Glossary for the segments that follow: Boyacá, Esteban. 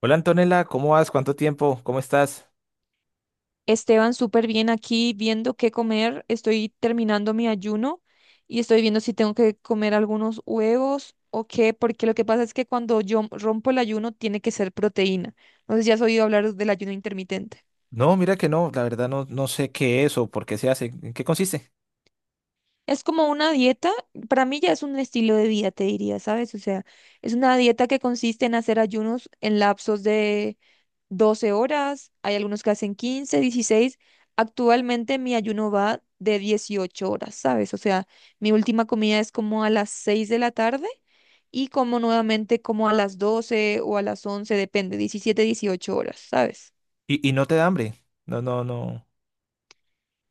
Hola Antonella, ¿cómo vas? ¿Cuánto tiempo? ¿Cómo estás? Esteban, súper bien aquí viendo qué comer. Estoy terminando mi ayuno y estoy viendo si tengo que comer algunos huevos o qué, porque lo que pasa es que cuando yo rompo el ayuno tiene que ser proteína. No sé si has oído hablar del ayuno intermitente. No, mira que no, la verdad no, no sé qué es o por qué se hace, en qué consiste. Es como una dieta, para mí ya es un estilo de vida, te diría, ¿sabes? O sea, es una dieta que consiste en hacer ayunos en lapsos de 12 horas, hay algunos que hacen 15, 16. Actualmente mi ayuno va de 18 horas, ¿sabes? O sea, mi última comida es como a las 6 de la tarde y como nuevamente como a las 12 o a las 11 depende, 17, 18 horas, ¿sabes? Y no te da hambre. No, no, no.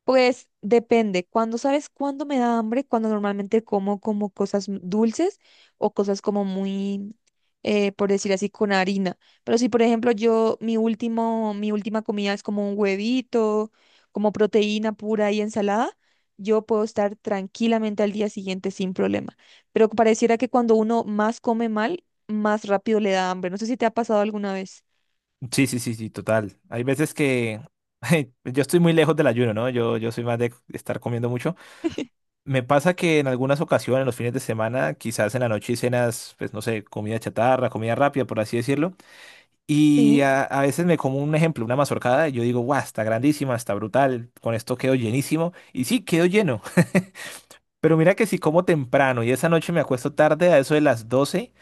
Pues depende. Cuando sabes cuándo me da hambre, cuando normalmente como cosas dulces o cosas como muy, por decir así, con harina. Pero si, por ejemplo, mi última comida es como un huevito, como proteína pura y ensalada, yo puedo estar tranquilamente al día siguiente sin problema. Pero pareciera que cuando uno más come mal, más rápido le da hambre. No sé si te ha pasado alguna vez. Sí, sí, sí, sí, total. Hay veces que yo estoy muy lejos del ayuno, ¿no? Yo soy más de estar comiendo mucho. Me pasa que en algunas ocasiones, los fines de semana, quizás en la noche y cenas, pues no sé, comida chatarra, comida rápida, por así decirlo. Y Sí, a veces me como un ejemplo, una mazorcada, y yo digo, guau, está grandísima, está brutal, con esto quedo llenísimo. Y sí, quedo lleno. Pero mira que si como temprano y esa noche me acuesto tarde a eso de las 12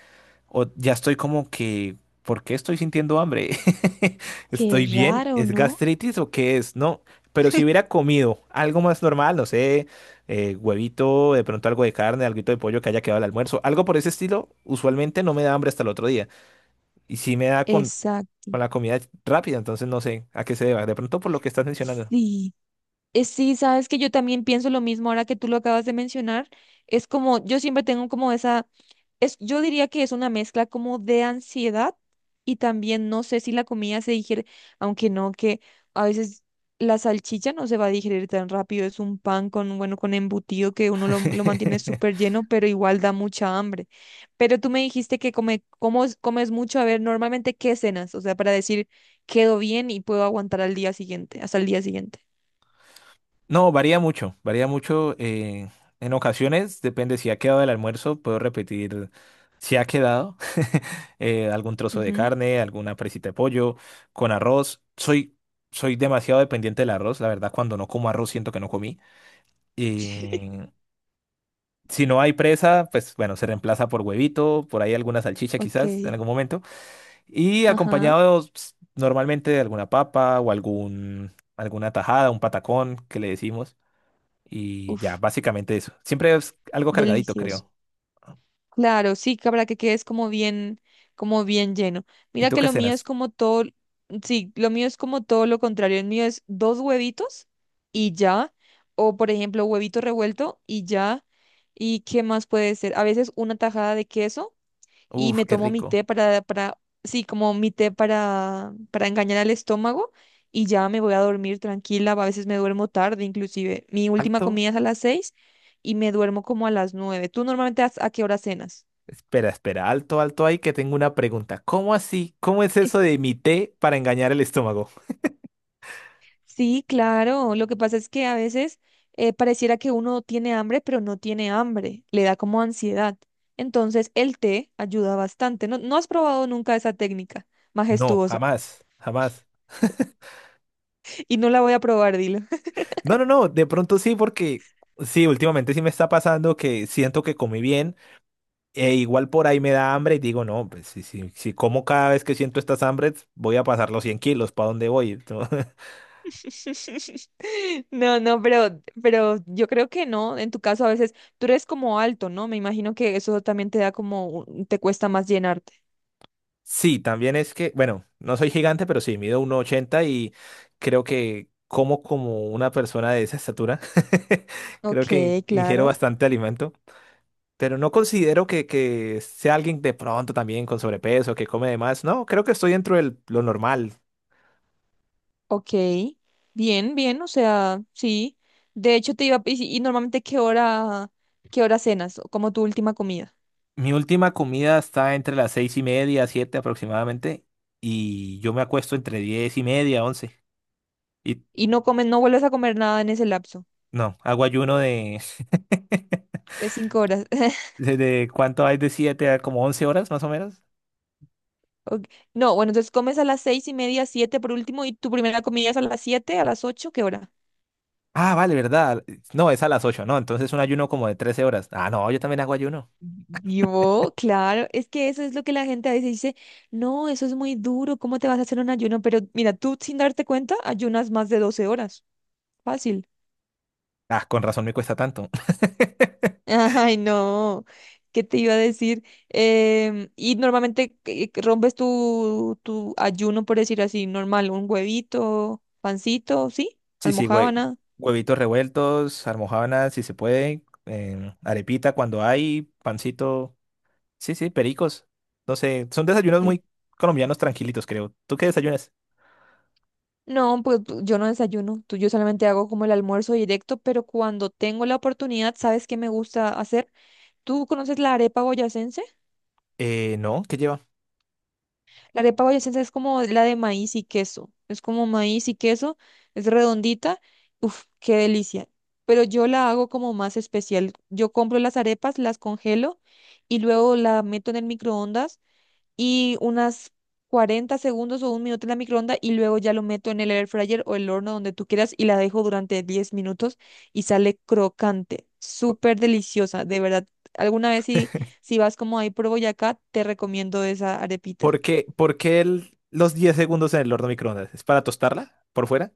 o ya estoy como que, ¿por qué estoy sintiendo hambre? qué ¿Estoy bien? raro, ¿Es ¿no? gastritis o qué es? No, pero si hubiera comido algo más normal, no sé, huevito, de pronto algo de carne, algo de pollo que haya quedado al almuerzo, algo por ese estilo, usualmente no me da hambre hasta el otro día. Y si me da con, Exacto. con la comida rápida, entonces no sé a qué se deba. De pronto por lo que estás mencionando. Sí. Sí, sabes que yo también pienso lo mismo ahora que tú lo acabas de mencionar. Es como, yo siempre tengo como yo diría que es una mezcla como de ansiedad y también no sé si la comida se digiere, aunque no, que a veces la salchicha no se va a digerir tan rápido. Es un pan con, bueno, con embutido que uno lo mantiene súper lleno, pero igual da mucha hambre. Pero tú me dijiste que comes mucho. A ver, normalmente, ¿qué cenas? O sea, para decir, quedo bien y puedo aguantar hasta el día siguiente. No, varía mucho, varía mucho. En ocasiones, depende si ha quedado el almuerzo, puedo repetir si ha quedado algún trozo de carne, alguna presita de pollo, con arroz. Soy demasiado dependiente del arroz, la verdad, cuando no como arroz siento que no comí. Y si no hay presa, pues bueno, se reemplaza por huevito, por ahí alguna salchicha Ok, quizás en algún momento. Y ajá, acompañado pues, normalmente de alguna papa o algún, alguna tajada, un patacón que le decimos. Y ya, uf, básicamente eso. Siempre es algo cargadito, delicioso. creo. Claro, sí, que para que quedes como bien lleno. ¿Y Mira tú que qué lo mío es cenas? como todo, sí, lo mío es como todo lo contrario. El mío es dos huevitos y ya, o por ejemplo, huevito revuelto y ya. ¿Y qué más puede ser? A veces una tajada de queso y Uf, me qué tomo mi rico. té sí, como mi té para engañar al estómago y ya me voy a dormir tranquila. A veces me duermo tarde, inclusive. Mi última Alto. comida es a las seis y me duermo como a las 9. ¿Tú normalmente a qué hora cenas? Espera, espera, alto, alto ahí que tengo una pregunta. ¿Cómo así? ¿Cómo es eso de mi té para engañar el estómago? Sí, claro. Lo que pasa es que a veces pareciera que uno tiene hambre, pero no tiene hambre. Le da como ansiedad. Entonces el té ayuda bastante. No, ¿no has probado nunca esa técnica No, majestuosa? jamás, jamás. Y no la voy a probar, dilo. No, no, no, de pronto sí, porque sí, últimamente sí me está pasando que siento que comí bien e igual por ahí me da hambre y digo, no, pues si como cada vez que siento estas hambres, voy a pasar los 100 kilos, ¿para dónde voy? No, no, pero yo creo que no. En tu caso, a veces tú eres como alto, ¿no? Me imagino que eso también te da como, te cuesta más llenarte. Sí, también es que, bueno, no soy gigante, pero sí, mido 1,80 y creo que como como una persona de esa estatura. Creo Ok, que ingiero claro. bastante alimento, pero no considero que sea alguien de pronto también con sobrepeso, que come de más. No, creo que estoy dentro de lo normal. Ok. Bien, bien, o sea, sí. De hecho, te iba a... ¿Y, si, y normalmente qué hora cenas? O como tu última comida. Mi última comida está entre las 6:30, 7 aproximadamente, y yo me acuesto entre 10:30, 11. Y ¿Y no comes, no vuelves a comer nada en ese lapso no, hago ayuno de, de 5 horas? ¿Cuánto hay de 7 a como 11 horas más o menos? Ok, no, bueno, entonces comes a las 6 y media, siete por último, y tu primera comida es a las siete, a las ocho, ¿qué hora? Ah, vale, ¿verdad? No, es a las 8, ¿no? Entonces un ayuno como de 13 horas. Ah, no, yo también hago ayuno. Yo, claro, es que eso es lo que la gente a veces dice, no, eso es muy duro, ¿cómo te vas a hacer un ayuno? Pero mira, tú sin darte cuenta, ayunas más de 12 horas, fácil. Ah, con razón me cuesta tanto. Ay, no, ¿qué te iba a decir? Y normalmente ¿qué rompes tu ayuno, por decir así, normal, un huevito, pancito, ¿sí? Sí, sí, güey. Almojábana. Huevitos revueltos, almojábanas si se puede, arepita cuando hay, pancito. Sí, sí, pericos. No sé, son desayunos ¿Qué? muy colombianos tranquilitos, creo. ¿Tú qué desayunas? No, pues yo no desayuno, tú, yo solamente hago como el almuerzo directo, pero cuando tengo la oportunidad, ¿sabes qué me gusta hacer? ¿Tú conoces la arepa boyacense? No, ¿qué lleva? La arepa boyacense es como la de maíz y queso. Es como maíz y queso, es redondita. Uf, qué delicia. Pero yo la hago como más especial. Yo compro las arepas, las congelo y luego la meto en el microondas y unas 40 segundos o un minuto en la microonda y luego ya lo meto en el air fryer o el horno donde tú quieras y la dejo durante 10 minutos y sale crocante, súper deliciosa, de verdad. Alguna vez si vas como ahí por Boyacá, te recomiendo esa arepita. ¿Por qué los 10 segundos en el horno microondas? ¿Es para tostarla por fuera?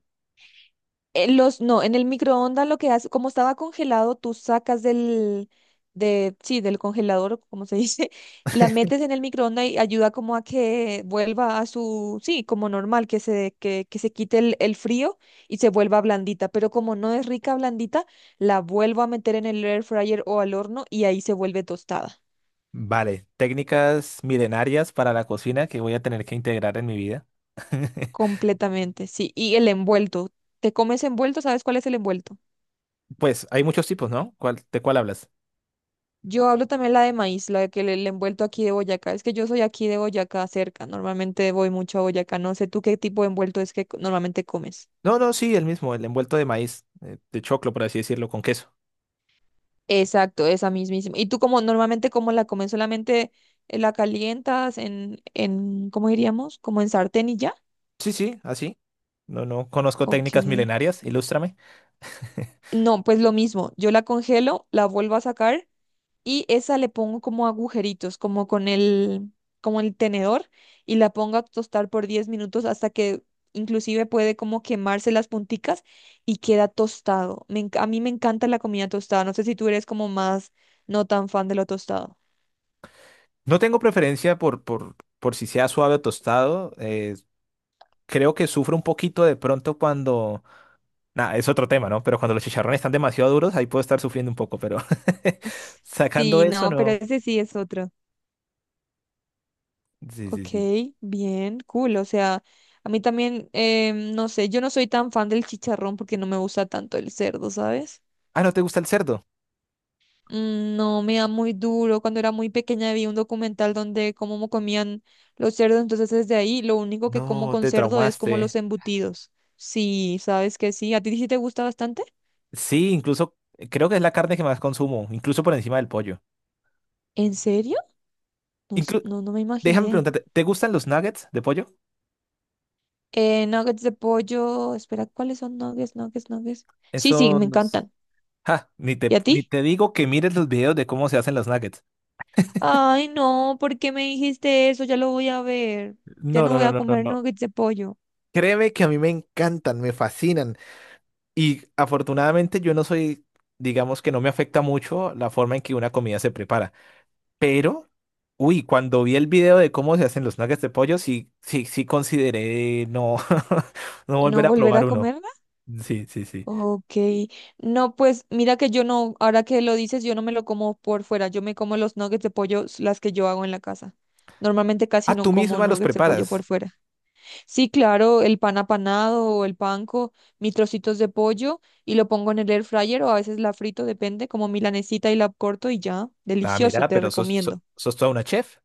Los, no, en el microondas lo que hace, como estaba congelado, tú sacas sí, del congelador, o como se dice, la metes en el microondas y ayuda como a que vuelva a su, sí, como normal, que se quite el frío y se vuelva blandita. Pero como no es rica blandita, la vuelvo a meter en el air fryer o al horno y ahí se vuelve tostada. Vale, técnicas milenarias para la cocina que voy a tener que integrar en mi vida. Completamente, sí. Y el envuelto. ¿Te comes envuelto? ¿Sabes cuál es el envuelto? Pues hay muchos tipos, ¿no? ¿De cuál hablas? Yo hablo también la de maíz, la que le envuelto aquí de Boyacá. Es que yo soy aquí de Boyacá cerca. Normalmente voy mucho a Boyacá. No sé tú qué tipo de envuelto es que normalmente comes. No, no, sí, el mismo, el envuelto de maíz, de choclo, por así decirlo, con queso. Exacto, esa mismísima. ¿Y tú como normalmente cómo la comes? ¿Solamente la calientas ¿cómo diríamos? ¿Como en sartén y ya? Sí, sí, así. No, no conozco Ok. técnicas milenarias, ilústrame. No, pues lo mismo. Yo la congelo, la vuelvo a sacar. Y esa le pongo como agujeritos, como el tenedor y la pongo a tostar por 10 minutos hasta que inclusive puede como quemarse las punticas y queda tostado. A mí me encanta la comida tostada, no sé si tú eres como más no tan fan de lo tostado. No tengo preferencia por si sea suave o tostado. Creo que sufro un poquito de pronto cuando... Nah, es otro tema, ¿no? Pero cuando los chicharrones están demasiado duros, ahí puedo estar sufriendo un poco, pero S- sacando Sí, eso, no, pero no. ese sí es otro. Sí, sí, Ok, sí. bien, cool. O sea, a mí también, no sé, yo no soy tan fan del chicharrón porque no me gusta tanto el cerdo, ¿sabes? Ah, ¿no te gusta el cerdo? Mm, no, me da muy duro. Cuando era muy pequeña vi un documental donde cómo comían los cerdos, entonces desde ahí lo único que como No, con te cerdo es como traumaste. los embutidos. Sí, sabes que sí. ¿A ti sí te gusta bastante? Sí, incluso creo que es la carne que más consumo, incluso por encima del pollo. ¿En serio? No, Inclu- no, no me Déjame imaginé. preguntarte, ¿te gustan los nuggets de pollo? Nuggets de pollo. Espera, ¿cuáles son nuggets? Sí, sí, me Esos... encantan. Ja, ni te, ¿Y a ni ti? te digo que mires los videos de cómo se hacen los nuggets. Ay, no, ¿por qué me dijiste eso? Ya lo voy a ver. Ya No, no no, voy no, a no, no, comer no. nuggets de pollo. Créeme que a mí me encantan, me fascinan. Y afortunadamente yo no soy, digamos que no me afecta mucho la forma en que una comida se prepara. Pero, uy, cuando vi el video de cómo se hacen los nuggets de pollo, sí, sí, sí consideré no, no ¿No volver a volver a probar uno. comer? Sí, sí, sí. Ok, no, pues mira que yo no, ahora que lo dices, yo no me lo como por fuera, yo me como los nuggets de pollo, s- las que yo hago en la casa. Normalmente casi Ah, no tú como misma los nuggets de pollo por preparas. fuera. Sí, claro, el pan apanado o el panco, mis trocitos de pollo y lo pongo en el air fryer o a veces la frito, depende, como milanesita y la corto y ya, Nada, delicioso, mira, te pero sos, so- recomiendo. sos toda una chef.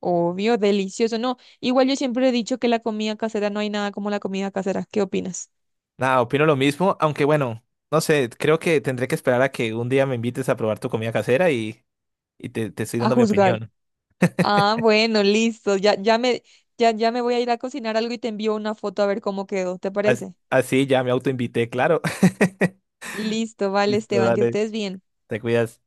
Obvio, delicioso, no. Igual yo siempre he dicho que la comida casera no hay nada como la comida casera. ¿Qué opinas? Nada, opino lo mismo, aunque bueno, no sé, creo que tendré que esperar a que un día me invites a probar tu comida casera y, y te estoy A dando mi juzgar. opinión. Ah, bueno, listo. Ya me voy a ir a cocinar algo y te envío una foto a ver cómo quedó. ¿Te parece? Así ya me autoinvité, claro. Listo, vale, Listo, Esteban, que dale, estés bien. te cuidas.